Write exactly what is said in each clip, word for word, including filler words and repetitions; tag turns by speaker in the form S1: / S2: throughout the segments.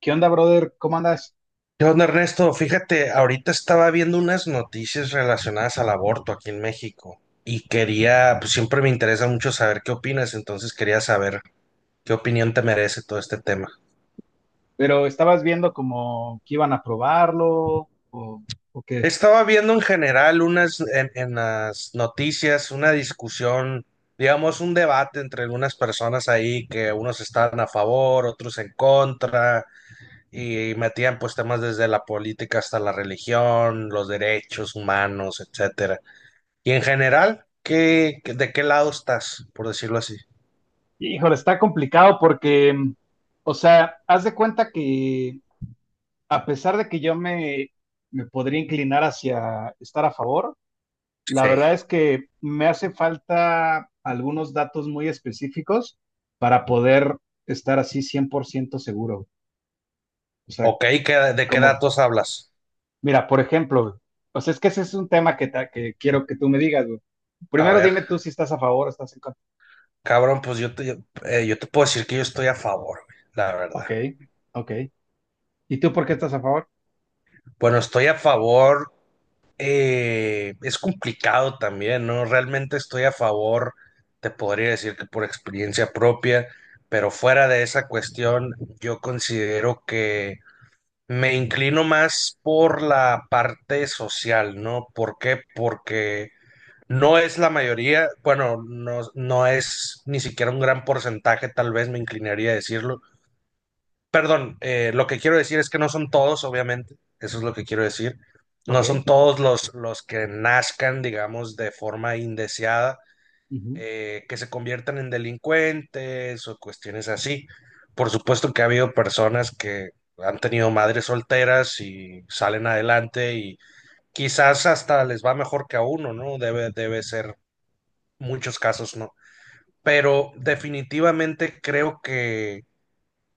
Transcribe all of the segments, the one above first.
S1: ¿Qué onda, brother? ¿Cómo andas?
S2: Yo, Ernesto, fíjate, ahorita estaba viendo unas noticias relacionadas al aborto aquí en México y quería, pues siempre me interesa mucho saber qué opinas, entonces quería saber qué opinión te merece todo este tema.
S1: Pero estabas viendo como que iban a probarlo, o, o qué.
S2: Estaba viendo en general unas, en, en las noticias, una discusión, digamos, un debate entre algunas personas ahí que unos estaban a favor, otros en contra y metían pues temas desde la política hasta la religión, los derechos humanos, etcétera. Y en general, ¿qué, qué- de qué lado estás, por decirlo así?
S1: Híjole, está complicado porque, mm, o sea, haz de cuenta que a pesar de que yo me, me podría inclinar hacia estar a favor, la
S2: Sí.
S1: verdad es que me hace falta algunos datos muy específicos para poder estar así cien por ciento seguro. O sea,
S2: Ok, ¿qué- ¿de qué
S1: como
S2: datos hablas?
S1: mira, por ejemplo, güey, o sea, es que ese es un tema que, ta- que quiero que tú me digas, güey.
S2: A
S1: Primero
S2: ver,
S1: dime tú si estás a favor o estás en contra.
S2: cabrón, pues yo te, yo, eh, yo te puedo decir que yo estoy a favor, güey, la verdad.
S1: Ok, ok. ¿Y tú por qué estás a favor?
S2: Bueno, estoy a favor, eh, es complicado también, ¿no? Realmente estoy a favor, te podría decir que por experiencia propia, pero fuera de esa cuestión, yo considero que me inclino más por la parte social, ¿no? ¿Por qué? Porque no es la mayoría, bueno, no, no es ni siquiera un gran porcentaje, tal vez me inclinaría a decirlo. Perdón, eh, lo que quiero decir es que no son todos, obviamente, eso es lo que quiero decir. No son
S1: Ok.
S2: todos los, los que nazcan, digamos, de forma indeseada,
S1: Ujú.
S2: eh, que se conviertan en delincuentes o cuestiones así. Por supuesto que ha habido personas que han tenido madres solteras y salen adelante y quizás hasta les va mejor que a uno, ¿no? Debe, debe ser muchos casos no. Pero definitivamente creo que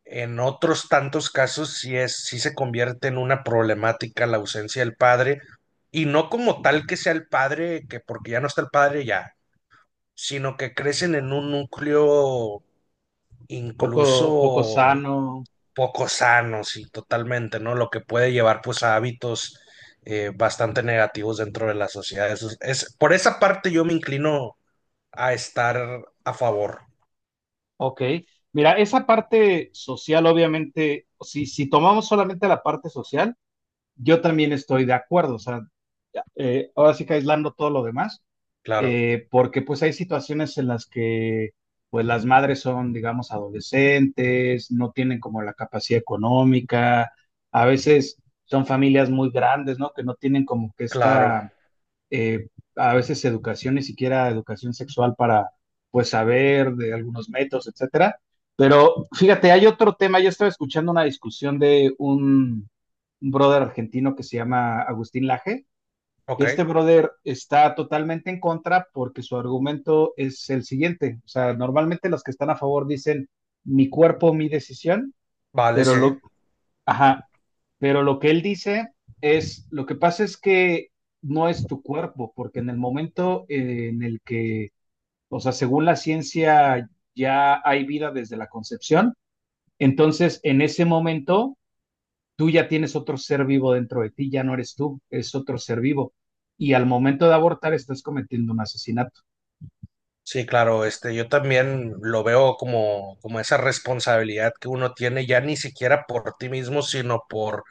S2: en otros tantos casos sí es, sí se convierte en una problemática la ausencia del padre, y no como tal que sea el padre, que porque ya no está el padre ya, sino que crecen en un núcleo
S1: Poco, poco
S2: incluso
S1: sano.
S2: poco sanos y totalmente, ¿no? Lo que puede llevar pues a hábitos eh, bastante negativos dentro de la sociedad. Eso es, es- por esa parte yo me inclino a estar a favor.
S1: Ok. Mira, esa parte social, obviamente, si, si tomamos solamente la parte social, yo también estoy de acuerdo. O sea, eh, ahora sí que aislando todo lo demás,
S2: Claro,
S1: eh, porque pues hay situaciones en las que pues las madres son, digamos, adolescentes, no tienen como la capacidad económica, a veces son familias muy grandes, ¿no? Que no tienen como que
S2: claro.
S1: esta, eh, a veces educación, ni siquiera educación sexual para pues saber de algunos métodos, etcétera. Pero fíjate, hay otro tema, yo estaba escuchando una discusión de un, un brother argentino que se llama Agustín Laje,
S2: Ok,
S1: este brother está totalmente en contra porque su argumento es el siguiente. O sea, normalmente los que están a favor dicen mi cuerpo, mi decisión,
S2: vale,
S1: pero
S2: sí.
S1: lo, ajá, pero lo que él dice es, lo que pasa es que no es tu cuerpo, porque en el momento eh, en el que, o sea, según la ciencia ya hay vida desde la concepción, entonces en ese momento tú ya tienes otro ser vivo dentro de ti, ya no eres tú, es otro ser vivo. Y al momento de abortar estás cometiendo un asesinato.
S2: Sí, claro, este, yo también lo veo como, como esa responsabilidad que uno tiene ya ni siquiera por ti mismo, sino por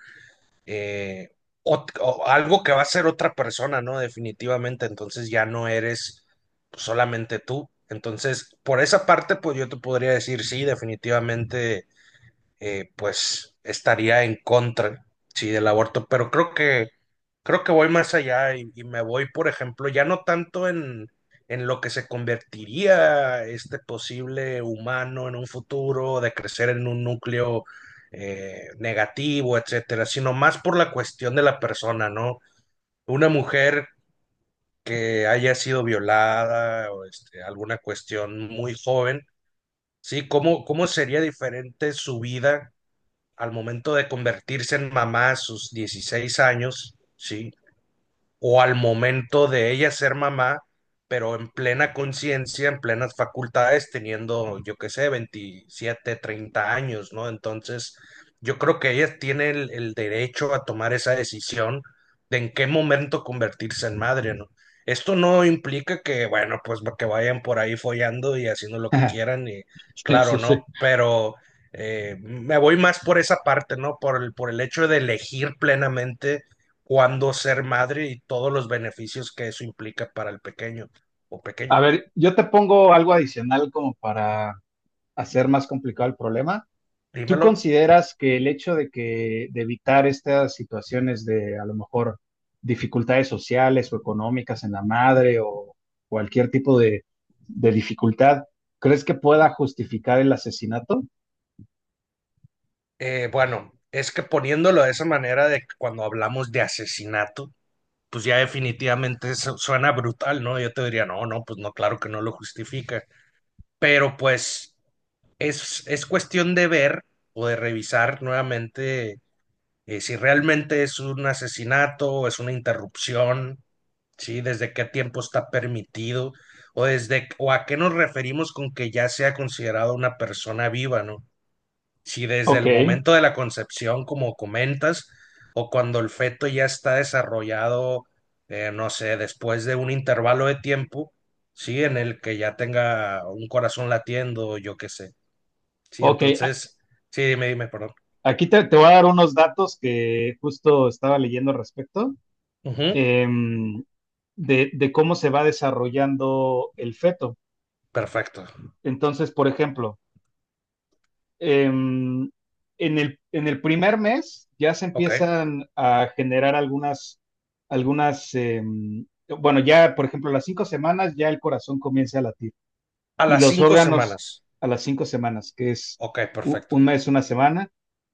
S2: eh, ot- o algo que va a ser otra persona, ¿no? Definitivamente, entonces ya no eres solamente tú. Entonces, por esa parte, pues yo te podría decir, sí, definitivamente, eh, pues estaría en contra, sí, del aborto, pero creo que Creo que voy más allá y, y me voy, por ejemplo, ya no tanto en, en lo que se convertiría este posible humano en un futuro, de crecer en un núcleo eh, negativo, etcétera, sino más por la cuestión de la persona, ¿no? Una mujer que haya sido violada o este, alguna cuestión muy joven, ¿sí? ¿Cómo, cómo sería diferente su vida al momento de convertirse en mamá a sus dieciséis años, ¿sí? o al momento de ella ser mamá, pero en plena conciencia, en plenas facultades, teniendo, yo qué sé, veintisiete, treinta años, ¿no? Entonces, yo creo que ella tiene el, el derecho a tomar esa decisión de en qué momento convertirse en madre, ¿no? Esto no implica que, bueno, pues que vayan por ahí follando y haciendo lo que quieran y
S1: Sí,
S2: claro,
S1: sí, sí.
S2: ¿no? Pero eh, me voy más por esa parte, ¿no? Por el, por el hecho de elegir plenamente cuándo ser madre y todos los beneficios que eso implica para el pequeño o
S1: A
S2: pequeño.
S1: ver, yo te pongo algo adicional como para hacer más complicado el problema. ¿Tú
S2: Dímelo.
S1: consideras que el hecho de que de evitar estas situaciones de a lo mejor dificultades sociales o económicas en la madre o cualquier tipo de, de dificultad, crees que pueda justificar el asesinato?
S2: Eh, bueno, es que poniéndolo de esa manera de que cuando hablamos de asesinato, pues ya definitivamente eso suena brutal, ¿no? Yo te diría, no, no, pues no, claro que no lo justifica, pero pues es, es cuestión de ver o de revisar nuevamente eh, si realmente es un asesinato, es una interrupción, ¿sí? ¿Desde qué tiempo está permitido? ¿O, desde, o a qué nos referimos con que ya sea considerado una persona viva, ¿no? Si desde
S1: Ok,
S2: el momento de la concepción, como comentas, o cuando el feto ya está desarrollado, eh, no sé, después de un intervalo de tiempo, ¿sí? En el que ya tenga un corazón latiendo, yo qué sé. Sí,
S1: ok.
S2: entonces, sí, dime, dime, perdón.
S1: Aquí te, te voy a dar unos datos que justo estaba leyendo al respecto,
S2: Ujú,
S1: em, de, de cómo se va desarrollando el feto.
S2: perfecto.
S1: Entonces, por ejemplo, em, en el, en el primer mes ya se
S2: Ok.
S1: empiezan a generar algunas, algunas, em, bueno, ya, por ejemplo, las cinco semanas ya el corazón comienza a latir.
S2: A
S1: Y
S2: las
S1: los
S2: cinco
S1: órganos
S2: semanas.
S1: a las cinco semanas, que es
S2: Ok, perfecto.
S1: un mes, una semana,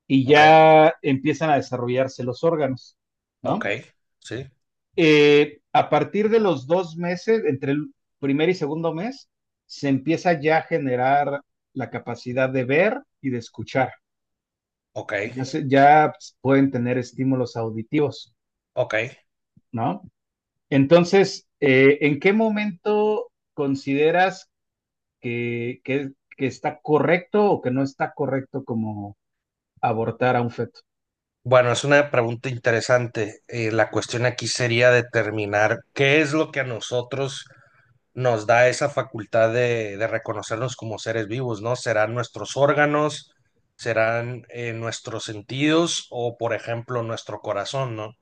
S1: y
S2: Ok,
S1: ya empiezan a desarrollarse los órganos,
S2: ok.
S1: ¿no?
S2: Sí.
S1: Eh, a partir de los dos meses, entre el primer y segundo mes, se empieza ya a generar la capacidad de ver y de escuchar.
S2: Ok,
S1: Ya, se- ya pueden tener estímulos auditivos,
S2: ok.
S1: ¿no? Entonces, eh, ¿en qué momento consideras que, que, que está correcto o que no está correcto como abortar a un feto?
S2: Bueno, es una pregunta interesante. Eh, la cuestión aquí sería determinar qué es lo que a nosotros nos da esa facultad de, de reconocernos como seres vivos, ¿no? ¿Serán nuestros órganos? ¿Serán eh, nuestros sentidos? O, por ejemplo, nuestro corazón, ¿no?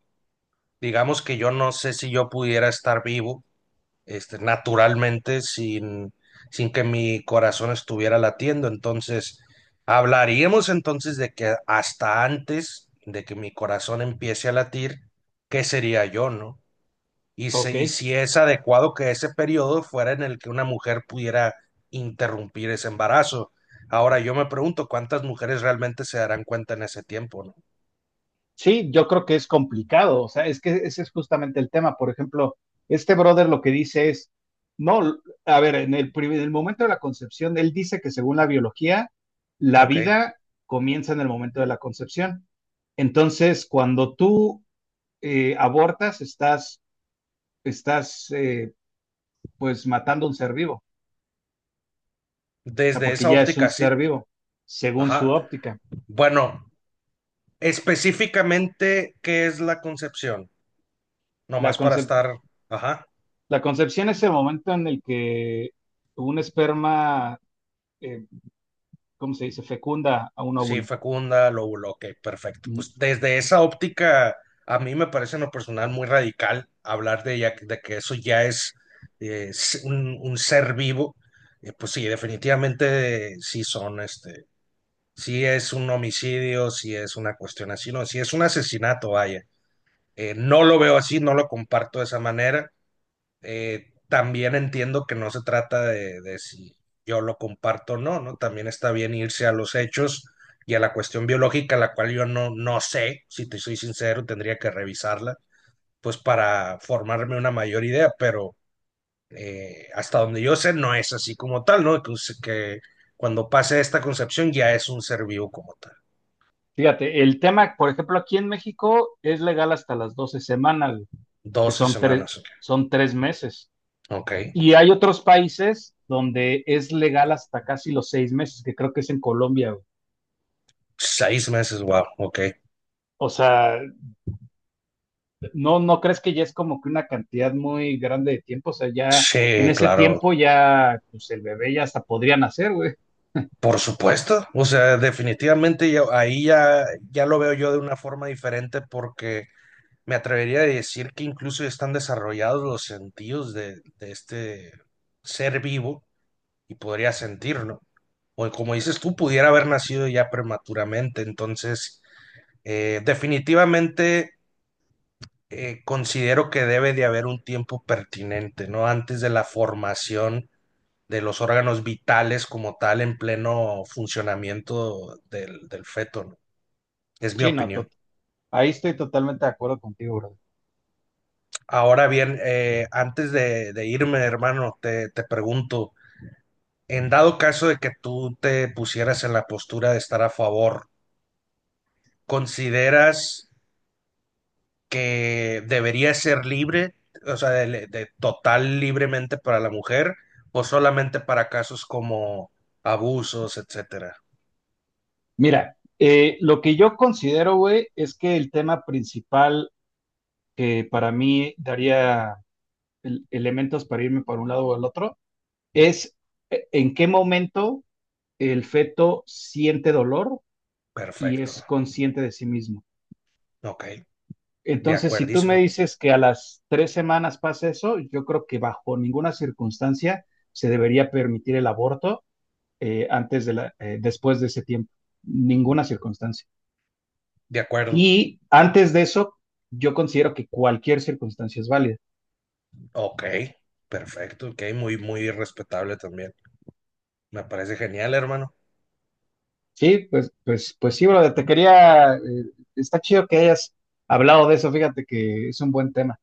S2: Digamos que yo no sé si yo pudiera estar vivo este, naturalmente sin, sin que mi corazón estuviera latiendo. Entonces, hablaríamos entonces de que hasta antes de que mi corazón empiece a latir, ¿qué sería yo, no? Y, se-
S1: Ok,
S2: y si es adecuado que ese periodo fuera en el que una mujer pudiera interrumpir ese embarazo. Ahora yo me pregunto cuántas mujeres realmente se darán cuenta en ese tiempo, ¿no?
S1: sí, yo creo que es complicado, o sea, es que ese es justamente el tema. Por ejemplo, este brother lo que dice es, no, a ver, en el, en el momento de la concepción, él dice que según la biología, la
S2: Ok,
S1: vida comienza en el momento de la concepción. Entonces, cuando tú eh, abortas, estás, estás eh, pues matando a un ser vivo. Sea,
S2: desde
S1: porque
S2: esa
S1: ya es un
S2: óptica
S1: ser
S2: sí.
S1: vivo, según su
S2: Ajá.
S1: óptica.
S2: Bueno, específicamente, ¿qué es la concepción?
S1: La,
S2: Nomás para
S1: concep-
S2: estar, ajá,
S1: la concepción es el momento en el que un esperma, eh, ¿cómo se dice?, fecunda a un
S2: sí,
S1: óvulo.
S2: fecunda, lóbulo, ok, perfecto.
S1: Mm.
S2: Pues desde esa óptica, a mí me parece en lo personal muy radical hablar de, ya- de que eso ya es eh, s- un, un ser vivo. Eh, pues sí, definitivamente eh, sí son, este, sí es un homicidio, sí es una cuestión así, no, sí es un asesinato, vaya. Eh, no lo veo así, no lo comparto de esa manera. Eh, también entiendo que no se trata de, de si yo lo comparto o no, ¿no? También está bien irse a los hechos y a la cuestión biológica, la cual yo no, no sé, si te soy sincero, tendría que revisarla, pues para formarme una mayor idea, pero eh, hasta donde yo sé, no es así como tal, ¿no? Que, us- que cuando pase esta concepción ya es un ser vivo como tal.
S1: Fíjate, el tema, por ejemplo, aquí en México es legal hasta las doce semanas, güey, que
S2: doce
S1: son tres,
S2: semanas, ok.
S1: son tres meses.
S2: Ok.
S1: Y hay otros países donde es legal hasta casi los seis meses, que creo que es en Colombia, güey.
S2: Seis meses, wow, ok.
S1: O sea, ¿no, no crees que ya es como que una cantidad muy grande de tiempo? O sea, ya en
S2: Sí,
S1: ese
S2: claro.
S1: tiempo ya, pues el bebé ya hasta podría nacer, güey.
S2: Por supuesto, o sea, definitivamente yo, ahí ya, ya lo veo yo de una forma diferente porque me atrevería a decir que incluso ya están desarrollados los sentidos de, de este ser vivo y podría sentirlo. O como dices tú, pudiera haber nacido ya prematuramente. Entonces, eh, definitivamente eh, considero que debe de haber un tiempo pertinente, ¿no? Antes de la formación de los órganos vitales como tal en pleno funcionamiento del, del feto, ¿no? Es mi
S1: Sí, no,
S2: opinión.
S1: to- ahí estoy totalmente de acuerdo contigo, bro.
S2: Ahora bien, eh, antes de, de irme, hermano, te, te pregunto, en dado caso de que tú te pusieras en la postura de estar a favor, ¿consideras que debería ser libre, o sea, de, de total libremente para la mujer o solamente para casos como abusos, etcétera?
S1: Mira, eh, lo que yo considero, güey, es que el tema principal que para mí daría el- elementos para irme por un lado o al otro es eh, en qué momento el feto siente dolor y
S2: Perfecto.
S1: es consciente de sí mismo.
S2: Ok, de
S1: Entonces, si tú me
S2: acuerdísimo,
S1: dices que a las tres semanas pasa eso, yo creo que bajo ninguna circunstancia se debería permitir el aborto eh, antes de la, eh, después de ese tiempo, ninguna circunstancia.
S2: de acuerdo.
S1: Y antes de eso, yo considero que cualquier circunstancia es válida.
S2: Ok, perfecto, ok, muy, muy respetable también. Me parece genial, hermano.
S1: Sí, pues, pues, pues sí, brother, te quería, eh, está chido que hayas hablado de eso, fíjate que es un buen tema.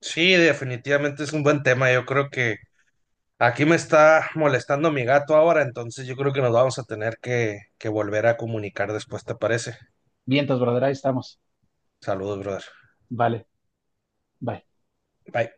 S2: Sí, definitivamente es un buen tema. Yo creo que aquí me está molestando mi gato ahora, entonces yo creo que nos vamos a tener que, que volver a comunicar después, ¿te parece?
S1: Vientos, brother, ahí estamos.
S2: Saludos, brother.
S1: Vale, bye.
S2: Bye.